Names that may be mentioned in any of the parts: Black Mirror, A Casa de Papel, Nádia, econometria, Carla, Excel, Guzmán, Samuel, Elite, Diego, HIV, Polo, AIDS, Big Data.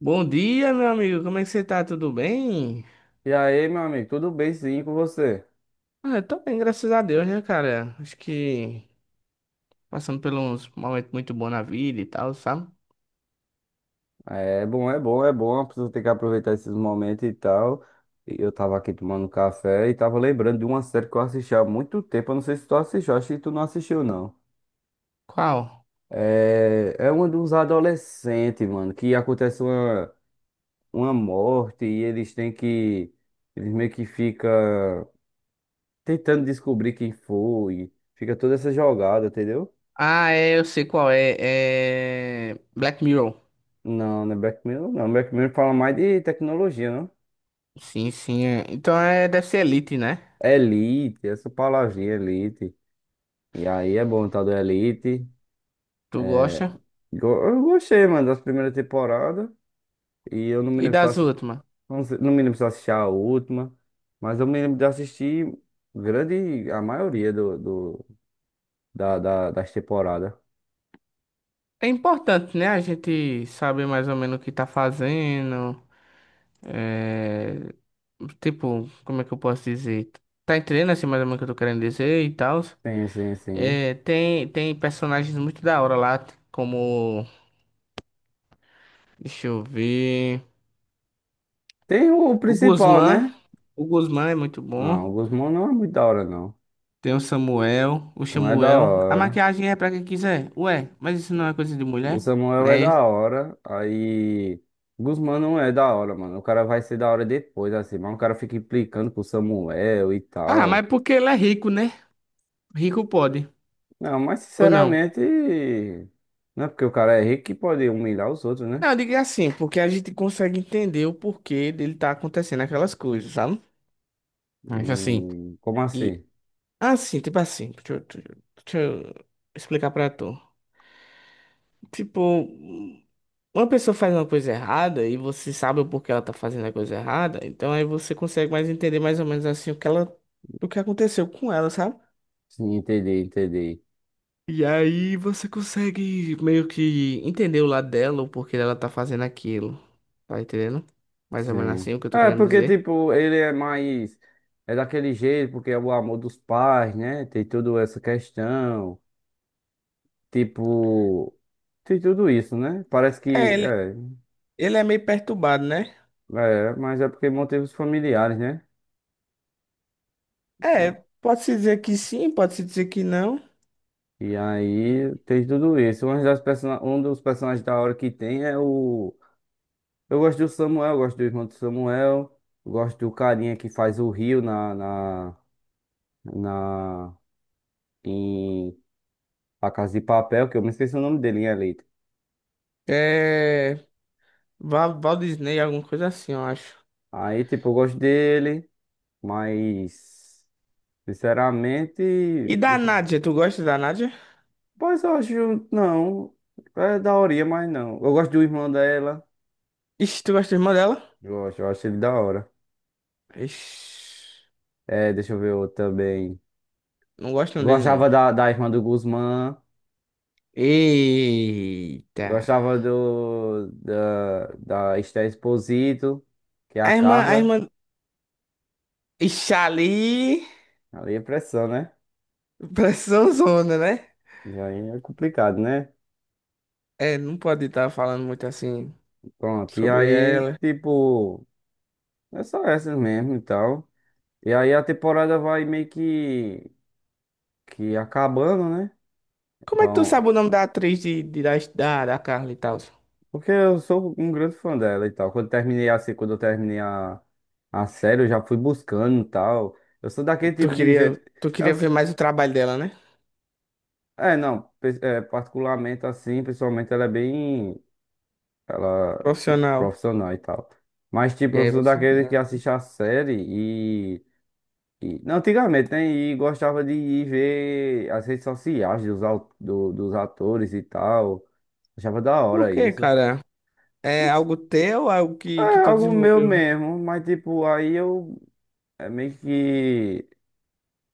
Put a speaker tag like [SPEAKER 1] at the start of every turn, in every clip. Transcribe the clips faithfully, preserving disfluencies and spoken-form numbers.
[SPEAKER 1] Bom dia, meu amigo. Como é que você tá? Tudo bem?
[SPEAKER 2] E aí, meu amigo, tudo bem sim com você?
[SPEAKER 1] Ah, eu tô bem, graças a Deus, né, cara? Acho que passando por uns momentos muito bons na vida e tal, sabe?
[SPEAKER 2] É bom, é bom, é bom, a pessoa tem que aproveitar esses momentos e tal. E eu tava aqui tomando café e tava lembrando de uma série que eu assisti há muito tempo, eu não sei se tu assistiu, acho que tu não assistiu não.
[SPEAKER 1] Qual?
[SPEAKER 2] É, é uma de uns adolescentes, mano, que acontece uma, uma morte e eles têm que, eles meio que fica tentando descobrir quem foi, fica toda essa jogada, entendeu?
[SPEAKER 1] Ah, é, eu sei qual é. É. Black Mirror.
[SPEAKER 2] Não, não é Black Mirror, não. Black Mirror fala mais de tecnologia, né?
[SPEAKER 1] Sim, sim. É. Então é deve ser Elite, né?
[SPEAKER 2] Elite, essa palavrinha Elite. E aí é bom tá do Elite.
[SPEAKER 1] Tu gosta?
[SPEAKER 2] Go- Eu gostei, mano, das primeiras temporadas. E eu não me
[SPEAKER 1] E
[SPEAKER 2] lembro se eu
[SPEAKER 1] das
[SPEAKER 2] assi-
[SPEAKER 1] últimas?
[SPEAKER 2] não sei- não me lembro se eu assisti a última, mas eu me lembro de assistir grande, a maioria do, do- da, da- das temporadas.
[SPEAKER 1] É importante, né? A gente saber mais ou menos o que tá fazendo. É... Tipo, como é que eu posso dizer? Tá entendendo assim mais ou menos o que eu tô querendo dizer e tal?
[SPEAKER 2] Sim, sim, sim.
[SPEAKER 1] É, tem, tem personagens muito da hora lá, como. Deixa eu ver.
[SPEAKER 2] Tem o
[SPEAKER 1] O
[SPEAKER 2] principal,
[SPEAKER 1] Guzmán.
[SPEAKER 2] né?
[SPEAKER 1] O Guzmán é muito
[SPEAKER 2] Não, o
[SPEAKER 1] bom.
[SPEAKER 2] Guzmão não é muito da hora, não.
[SPEAKER 1] Tem o Samuel. O
[SPEAKER 2] Não é da
[SPEAKER 1] Samuel. A
[SPEAKER 2] hora.
[SPEAKER 1] maquiagem é pra quem quiser. Ué, mas isso não é coisa de
[SPEAKER 2] O
[SPEAKER 1] mulher?
[SPEAKER 2] Samuel é
[SPEAKER 1] Né?
[SPEAKER 2] da hora, aí. Guzmán não é da hora, mano. O cara vai ser da hora depois, assim, mas o cara fica implicando com o Samuel e
[SPEAKER 1] Ah,
[SPEAKER 2] tal.
[SPEAKER 1] mas porque ele é rico, né? Rico pode.
[SPEAKER 2] Não, mas
[SPEAKER 1] Ou não?
[SPEAKER 2] sinceramente, não é porque o cara é rico que pode humilhar os outros, né?
[SPEAKER 1] Não, diga assim, porque a gente consegue entender o porquê dele tá acontecendo aquelas coisas, sabe? Mas assim.
[SPEAKER 2] Hum, como
[SPEAKER 1] E.
[SPEAKER 2] assim?
[SPEAKER 1] Assim, tipo assim. Deixa eu, deixa eu deixa eu explicar pra tu. Tipo. Uma pessoa faz uma coisa errada e você sabe o porquê ela tá fazendo a coisa errada, então aí você consegue mais entender mais ou menos assim o que ela, o que aconteceu com ela, sabe?
[SPEAKER 2] Sim, entendi, entendi.
[SPEAKER 1] E aí você consegue meio que entender o lado dela, o porquê dela tá fazendo aquilo. Tá entendendo? Mais ou menos
[SPEAKER 2] Sim.
[SPEAKER 1] assim o que eu tô
[SPEAKER 2] É,
[SPEAKER 1] querendo
[SPEAKER 2] porque,
[SPEAKER 1] dizer.
[SPEAKER 2] tipo, ele é mais. É daquele jeito, porque é o amor dos pais, né? Tem toda essa questão. Tipo. Tem tudo isso, né? Parece que.
[SPEAKER 1] É, ele,
[SPEAKER 2] É.
[SPEAKER 1] ele é meio perturbado, né?
[SPEAKER 2] É, mas é porque motivos familiares, né?
[SPEAKER 1] É, pode-se dizer que sim, pode-se dizer que não.
[SPEAKER 2] E aí tem tudo isso. Um das persona- um dos personagens da hora que tem é o. Eu gosto do Samuel, eu gosto do irmão do Samuel, eu gosto do carinha que faz o Rio na, na, na, em A Casa de Papel, que eu me esqueci o nome dele em Elite.
[SPEAKER 1] É. Val, Walt Disney, alguma coisa assim, eu acho.
[SPEAKER 2] Aí, tipo, eu gosto dele, mas
[SPEAKER 1] E
[SPEAKER 2] sinceramente.
[SPEAKER 1] da
[SPEAKER 2] Deixa eu ver.
[SPEAKER 1] Nádia, tu gosta da Nádia?
[SPEAKER 2] Pois eu acho. Não. É daorinha, mas não. Eu gosto do irmão dela.
[SPEAKER 1] Ixi, tu gosta da irmã dela?
[SPEAKER 2] Eu acho, eu acho ele da hora.
[SPEAKER 1] Ixi,
[SPEAKER 2] É, deixa eu ver outro também.
[SPEAKER 1] não gosto não dele, não.
[SPEAKER 2] Gostava da, da irmã do Guzmán.
[SPEAKER 1] Eita.
[SPEAKER 2] Gostava do, da, da Esther Exposito, que é a
[SPEAKER 1] A irmã, a
[SPEAKER 2] Carla.
[SPEAKER 1] irmã. Ixi, ali.
[SPEAKER 2] Ali é pressão, né?
[SPEAKER 1] Pressão zona, né?
[SPEAKER 2] E aí é complicado, né?
[SPEAKER 1] É, não pode estar falando muito assim
[SPEAKER 2] Pronto. E
[SPEAKER 1] sobre
[SPEAKER 2] aí,
[SPEAKER 1] ela.
[SPEAKER 2] tipo, é só essas mesmo e tal. E aí a temporada vai meio que, que acabando, né?
[SPEAKER 1] Como é que tu
[SPEAKER 2] Vão,
[SPEAKER 1] sabe o nome da atriz de, de- da, da, da Carla e tal?
[SPEAKER 2] porque eu sou um grande fã dela e tal. Quando terminei assim, quando eu terminei a, a série, eu já fui buscando e tal. Eu sou daquele
[SPEAKER 1] Tu
[SPEAKER 2] tipo de
[SPEAKER 1] queria,
[SPEAKER 2] jeito.
[SPEAKER 1] tu
[SPEAKER 2] eu
[SPEAKER 1] queria
[SPEAKER 2] s-
[SPEAKER 1] ver mais o trabalho dela, né?
[SPEAKER 2] é, não, pe- é, particularmente assim, pessoalmente ela é bem. Ela é
[SPEAKER 1] Profissional.
[SPEAKER 2] profissional e tal. Mas, tipo,
[SPEAKER 1] E
[SPEAKER 2] eu
[SPEAKER 1] aí
[SPEAKER 2] sou
[SPEAKER 1] você.
[SPEAKER 2] daquele
[SPEAKER 1] Ah,
[SPEAKER 2] que assiste a série e. E não, antigamente, né? E gostava de ir ver as redes sociais dos, au- do- dos atores e tal. Achava da
[SPEAKER 1] por
[SPEAKER 2] hora
[SPEAKER 1] quê,
[SPEAKER 2] isso.
[SPEAKER 1] cara? É
[SPEAKER 2] Não.
[SPEAKER 1] algo teu, algo
[SPEAKER 2] É
[SPEAKER 1] que, que tu
[SPEAKER 2] algo meu
[SPEAKER 1] desenvolveu?
[SPEAKER 2] mesmo, mas tipo, aí eu. É meio que,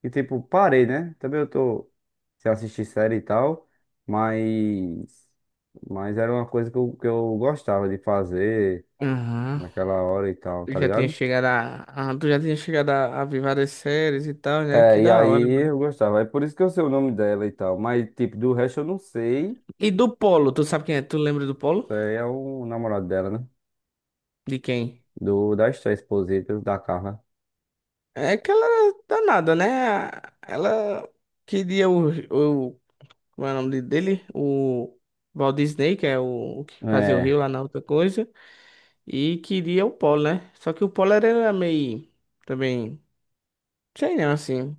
[SPEAKER 2] que, tipo, parei, né? Também eu tô sem assistir série e tal, mas, mas era uma coisa que eu, que eu gostava de fazer
[SPEAKER 1] Aham.
[SPEAKER 2] naquela hora e tal,
[SPEAKER 1] Tu
[SPEAKER 2] tá
[SPEAKER 1] já tinha
[SPEAKER 2] ligado?
[SPEAKER 1] chegado a, a- tu já tinha chegado a, a ver várias séries e tal, né? Que
[SPEAKER 2] É, e
[SPEAKER 1] da hora,
[SPEAKER 2] aí
[SPEAKER 1] mano.
[SPEAKER 2] eu gostava, é por isso que eu sei o nome dela e tal, mas, tipo, do resto eu não sei.
[SPEAKER 1] E do Polo, tu sabe quem é? Tu lembra do Polo?
[SPEAKER 2] Isso aí é o namorado dela, né?
[SPEAKER 1] De quem?
[SPEAKER 2] Do, da Esther Exposito, da Carla.
[SPEAKER 1] É aquela danada, né? Ela queria o, o como é o nome dele? O Walt Disney, que é o, o que fazia o Rio
[SPEAKER 2] É.
[SPEAKER 1] lá na outra coisa, e queria o Polo, né? Só que o Polo era meio também, sei não, assim,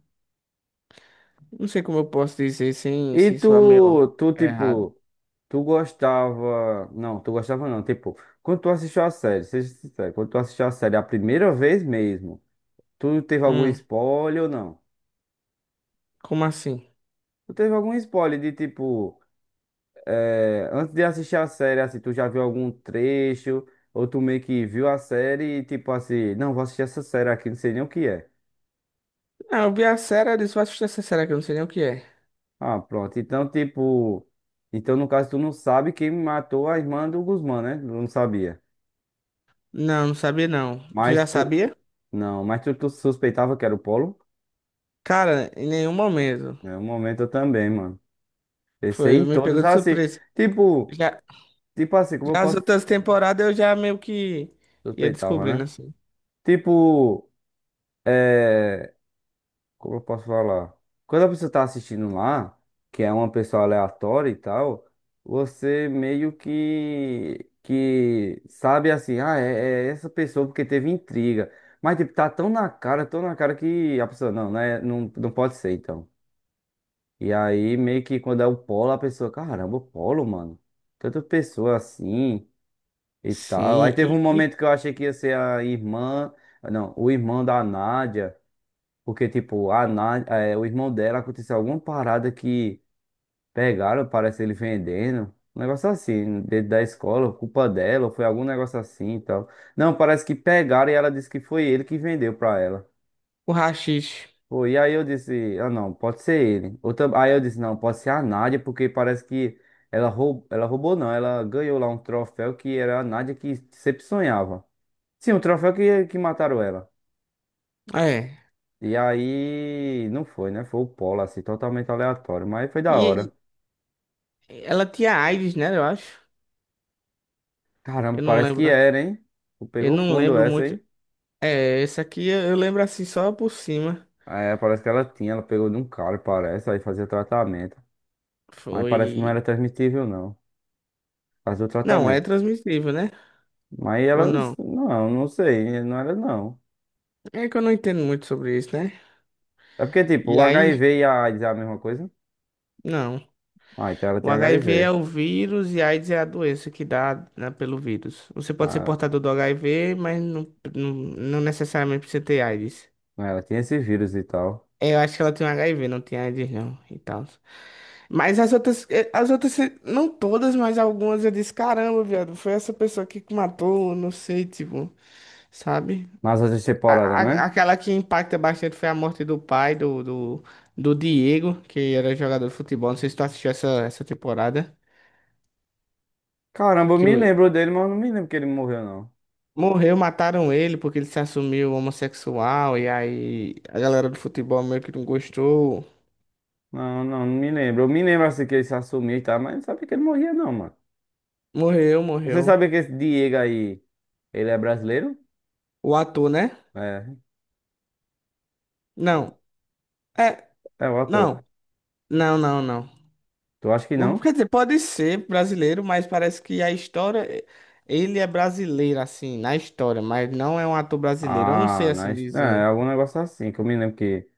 [SPEAKER 1] não sei como eu posso dizer sem
[SPEAKER 2] E
[SPEAKER 1] sem soar meio
[SPEAKER 2] tu, tu,
[SPEAKER 1] errado.
[SPEAKER 2] tipo. Tu gostava. Não, tu gostava não. Tipo, quando tu assistiu a série, seja sincero, quando tu assistiu a série a primeira vez mesmo, tu teve algum
[SPEAKER 1] Hum,
[SPEAKER 2] spoiler ou não?
[SPEAKER 1] como assim?
[SPEAKER 2] Tu teve algum spoiler de tipo. eh, antes de assistir a série, assim, tu já viu algum trecho? Ou tu meio que viu a série e tipo assim, não, vou assistir essa série aqui, não sei nem o que é.
[SPEAKER 1] Ah, eu vi a série, eu disse, vou assistir essa série aqui, eu não sei nem o que é.
[SPEAKER 2] Ah, pronto. Então, tipo. Então, no caso, tu não sabe quem matou a irmã do Guzmán, né? Não sabia.
[SPEAKER 1] Não, não sabia não. Tu
[SPEAKER 2] Mas
[SPEAKER 1] já
[SPEAKER 2] tu.
[SPEAKER 1] sabia?
[SPEAKER 2] Não, mas tu, tu suspeitava que era o Polo?
[SPEAKER 1] Cara, em nenhum momento.
[SPEAKER 2] É um momento eu também, mano.
[SPEAKER 1] Foi,
[SPEAKER 2] Pensei em
[SPEAKER 1] me pegou
[SPEAKER 2] todos
[SPEAKER 1] de
[SPEAKER 2] assim.
[SPEAKER 1] surpresa.
[SPEAKER 2] Tipo,
[SPEAKER 1] Já,
[SPEAKER 2] tipo assim, como eu
[SPEAKER 1] já as
[SPEAKER 2] posso.
[SPEAKER 1] outras temporadas eu já meio que ia
[SPEAKER 2] Suspeitava,
[SPEAKER 1] descobrindo,
[SPEAKER 2] né?
[SPEAKER 1] assim.
[SPEAKER 2] Tipo, é. Como eu posso falar? Quando a pessoa tá assistindo lá, que é uma pessoa aleatória e tal, você meio que. Que sabe assim, ah, é, é essa pessoa porque teve intriga. Mas, tipo, tá tão na cara, tão na cara que a pessoa, não, né? Não, não pode ser, então. E aí, meio que quando é o polo, a pessoa, caramba, o polo, mano. Tanta pessoa assim e tal. Aí
[SPEAKER 1] Sim,
[SPEAKER 2] teve um
[SPEAKER 1] e, e
[SPEAKER 2] momento que eu achei que ia ser a irmã, não, o irmão da Nádia, porque, tipo, a Nádia, é, o irmão dela aconteceu alguma parada que pegaram, parece ele vendendo. Um negócio assim, dentro da escola, culpa dela, ou foi algum negócio assim e tal. Não, parece que pegaram e ela disse que foi ele que vendeu pra ela.
[SPEAKER 1] o Rachis.
[SPEAKER 2] Pô, e aí eu disse, ah não, pode ser ele. Ou tam- aí eu disse, não, pode ser a Nádia, porque parece que ela roubou, ela roubou não, ela ganhou lá um troféu que era a Nádia que sempre sonhava. Sim, um troféu que, que mataram ela.
[SPEAKER 1] É.
[SPEAKER 2] E aí, não foi, né? Foi o Polo, assim, totalmente aleatório, mas foi da hora.
[SPEAKER 1] E, e ela tinha AIDS, né, eu acho.
[SPEAKER 2] Caramba,
[SPEAKER 1] Eu não
[SPEAKER 2] parece que
[SPEAKER 1] lembro.
[SPEAKER 2] era, hein? Tu
[SPEAKER 1] Eu
[SPEAKER 2] pegou
[SPEAKER 1] não
[SPEAKER 2] fundo
[SPEAKER 1] lembro
[SPEAKER 2] essa,
[SPEAKER 1] muito.
[SPEAKER 2] hein?
[SPEAKER 1] É, esse aqui eu eu lembro assim só por cima.
[SPEAKER 2] É, parece que ela tinha, ela pegou de um cara, parece, aí fazia tratamento. Mas parece que não era
[SPEAKER 1] Foi.
[SPEAKER 2] transmitível, não. Fazia o
[SPEAKER 1] Não, é
[SPEAKER 2] tratamento.
[SPEAKER 1] transmissível, né?
[SPEAKER 2] Mas
[SPEAKER 1] Ou
[SPEAKER 2] elas,
[SPEAKER 1] não?
[SPEAKER 2] não, não sei, não era não.
[SPEAKER 1] É que eu não entendo muito sobre isso, né?
[SPEAKER 2] É porque, tipo,
[SPEAKER 1] E
[SPEAKER 2] o
[SPEAKER 1] aí.
[SPEAKER 2] H I V e a AIDS é a mesma coisa?
[SPEAKER 1] Não.
[SPEAKER 2] Ah, então ela
[SPEAKER 1] O
[SPEAKER 2] tem
[SPEAKER 1] H I V é
[SPEAKER 2] H I V.
[SPEAKER 1] o vírus e a AIDS é a doença que dá, né, pelo vírus. Você pode ser
[SPEAKER 2] Ah,
[SPEAKER 1] portador do H I V, mas não, não, não necessariamente precisa ter AIDS.
[SPEAKER 2] né, ela tem esse vírus e tal.
[SPEAKER 1] É, eu acho que ela tem H I V, não tem AIDS não e tal. Mas as outras, eh, as outras, eh, não todas, mas algumas eu disse, caramba, viado, foi essa pessoa aqui que matou, não sei, tipo, sabe?
[SPEAKER 2] Nas outras temporadas,
[SPEAKER 1] A-
[SPEAKER 2] né?
[SPEAKER 1] a- aquela que impacta bastante foi a morte do pai do, do, do Diego, que era jogador de futebol, não sei se tu assistiu essa, essa temporada.
[SPEAKER 2] Caramba, eu me lembro dele, mas eu não me lembro que ele morreu, não.
[SPEAKER 1] Morreu, mataram ele porque ele se assumiu homossexual e aí a galera do futebol meio que não gostou.
[SPEAKER 2] Não, não, não me lembro. Eu me lembro assim que ele se assumiu e tal, mas não sabia que ele morria, não, mano.
[SPEAKER 1] Morreu,
[SPEAKER 2] Você
[SPEAKER 1] morreu.
[SPEAKER 2] sabia que esse Diego aí, ele é brasileiro?
[SPEAKER 1] O ator, né?
[SPEAKER 2] É,
[SPEAKER 1] Não. É,
[SPEAKER 2] é o
[SPEAKER 1] não.
[SPEAKER 2] ator.
[SPEAKER 1] Não, não, não.
[SPEAKER 2] Tu acha que
[SPEAKER 1] Hum,
[SPEAKER 2] não?
[SPEAKER 1] quer dizer, pode ser brasileiro, mas parece que a história. Ele é brasileiro, assim, na história, mas não é um ator brasileiro. Eu não sei
[SPEAKER 2] Ah,
[SPEAKER 1] assim
[SPEAKER 2] nós, é, é
[SPEAKER 1] dizer.
[SPEAKER 2] algum negócio assim, que eu me lembro que,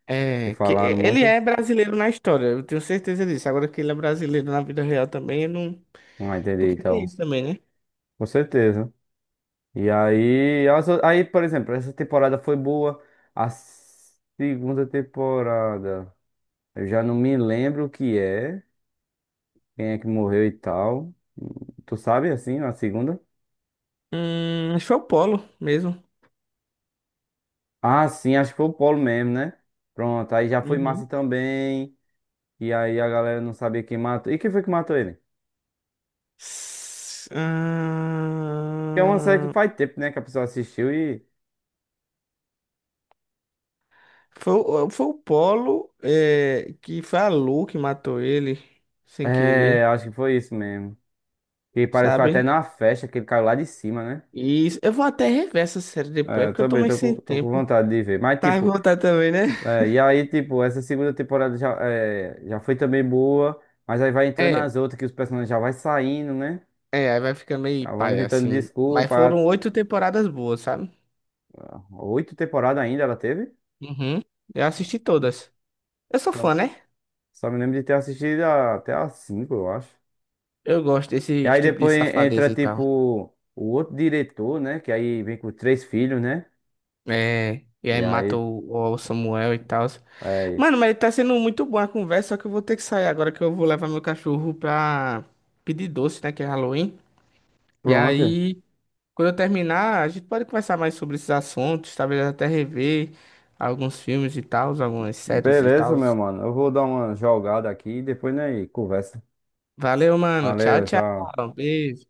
[SPEAKER 2] que
[SPEAKER 1] É, que
[SPEAKER 2] falaram
[SPEAKER 1] ele
[SPEAKER 2] muito.
[SPEAKER 1] é brasileiro na história, eu tenho certeza disso. Agora que ele é brasileiro na vida real também, eu não.
[SPEAKER 2] Ah, entendi,
[SPEAKER 1] Porque tem
[SPEAKER 2] então.
[SPEAKER 1] isso também, né?
[SPEAKER 2] Com certeza. E aí, as o- aí, por exemplo, essa temporada foi boa. A segunda temporada, eu já não me lembro o que é, quem é que morreu e tal. Tu sabe, assim, a segunda?
[SPEAKER 1] Hum, acho que foi o Polo mesmo.
[SPEAKER 2] Ah, sim, acho que foi o Polo mesmo, né? Pronto, aí já foi
[SPEAKER 1] Uhum.
[SPEAKER 2] massa também. E aí a galera não sabia quem matou. E quem foi que matou ele?
[SPEAKER 1] S-
[SPEAKER 2] Que é uma série que
[SPEAKER 1] ah
[SPEAKER 2] faz tempo, né? Que a pessoa assistiu e.
[SPEAKER 1] foi, o- foi o Polo é, que foi a Lu que matou ele, sem
[SPEAKER 2] É,
[SPEAKER 1] querer,
[SPEAKER 2] acho que foi isso mesmo. E parece que foi até
[SPEAKER 1] sabe?
[SPEAKER 2] na festa que ele caiu lá de cima, né?
[SPEAKER 1] E s- eu vou até rever essa série depois,
[SPEAKER 2] É,
[SPEAKER 1] é
[SPEAKER 2] eu
[SPEAKER 1] porque eu tô
[SPEAKER 2] também
[SPEAKER 1] meio
[SPEAKER 2] tô
[SPEAKER 1] sem
[SPEAKER 2] com, tô com
[SPEAKER 1] tempo.
[SPEAKER 2] vontade de ver. Mas,
[SPEAKER 1] Tá a
[SPEAKER 2] tipo,
[SPEAKER 1] contar também, né?
[SPEAKER 2] é, e aí, tipo, essa segunda temporada já, é, já foi também boa, mas aí vai entrando
[SPEAKER 1] É,
[SPEAKER 2] as outras que os personagens já vai saindo, né?
[SPEAKER 1] é, aí vai ficar meio
[SPEAKER 2] Já vão
[SPEAKER 1] paia
[SPEAKER 2] inventando
[SPEAKER 1] assim. Mas
[SPEAKER 2] desculpa.
[SPEAKER 1] foram oito temporadas boas, sabe?
[SPEAKER 2] Ah, oito temporadas ainda ela teve?
[SPEAKER 1] Uhum. Eu assisti todas. Eu sou
[SPEAKER 2] Só,
[SPEAKER 1] fã, né?
[SPEAKER 2] só me lembro de ter assistido a- até as cinco, eu acho.
[SPEAKER 1] Eu gosto
[SPEAKER 2] E
[SPEAKER 1] desse
[SPEAKER 2] aí
[SPEAKER 1] tipo de
[SPEAKER 2] depois entra,
[SPEAKER 1] safadeza e tal.
[SPEAKER 2] tipo, o outro diretor, né? Que aí vem com três filhos, né?
[SPEAKER 1] É, e aí
[SPEAKER 2] E
[SPEAKER 1] mata
[SPEAKER 2] aí,
[SPEAKER 1] o, o Samuel e tal.
[SPEAKER 2] é, isso.
[SPEAKER 1] Mano, mas tá sendo muito boa a conversa, só que eu vou ter que sair agora que eu vou levar meu cachorro pra pedir doce, né? Que é Halloween. E
[SPEAKER 2] Pronto.
[SPEAKER 1] aí, quando eu terminar, a gente pode conversar mais sobre esses assuntos, talvez até rever alguns filmes e tal, algumas séries e
[SPEAKER 2] Beleza,
[SPEAKER 1] tal.
[SPEAKER 2] meu mano. Eu vou dar uma jogada aqui e depois, né, conversa.
[SPEAKER 1] Valeu, mano. Tchau,
[SPEAKER 2] Valeu,
[SPEAKER 1] tchau.
[SPEAKER 2] tchau.
[SPEAKER 1] Beijo.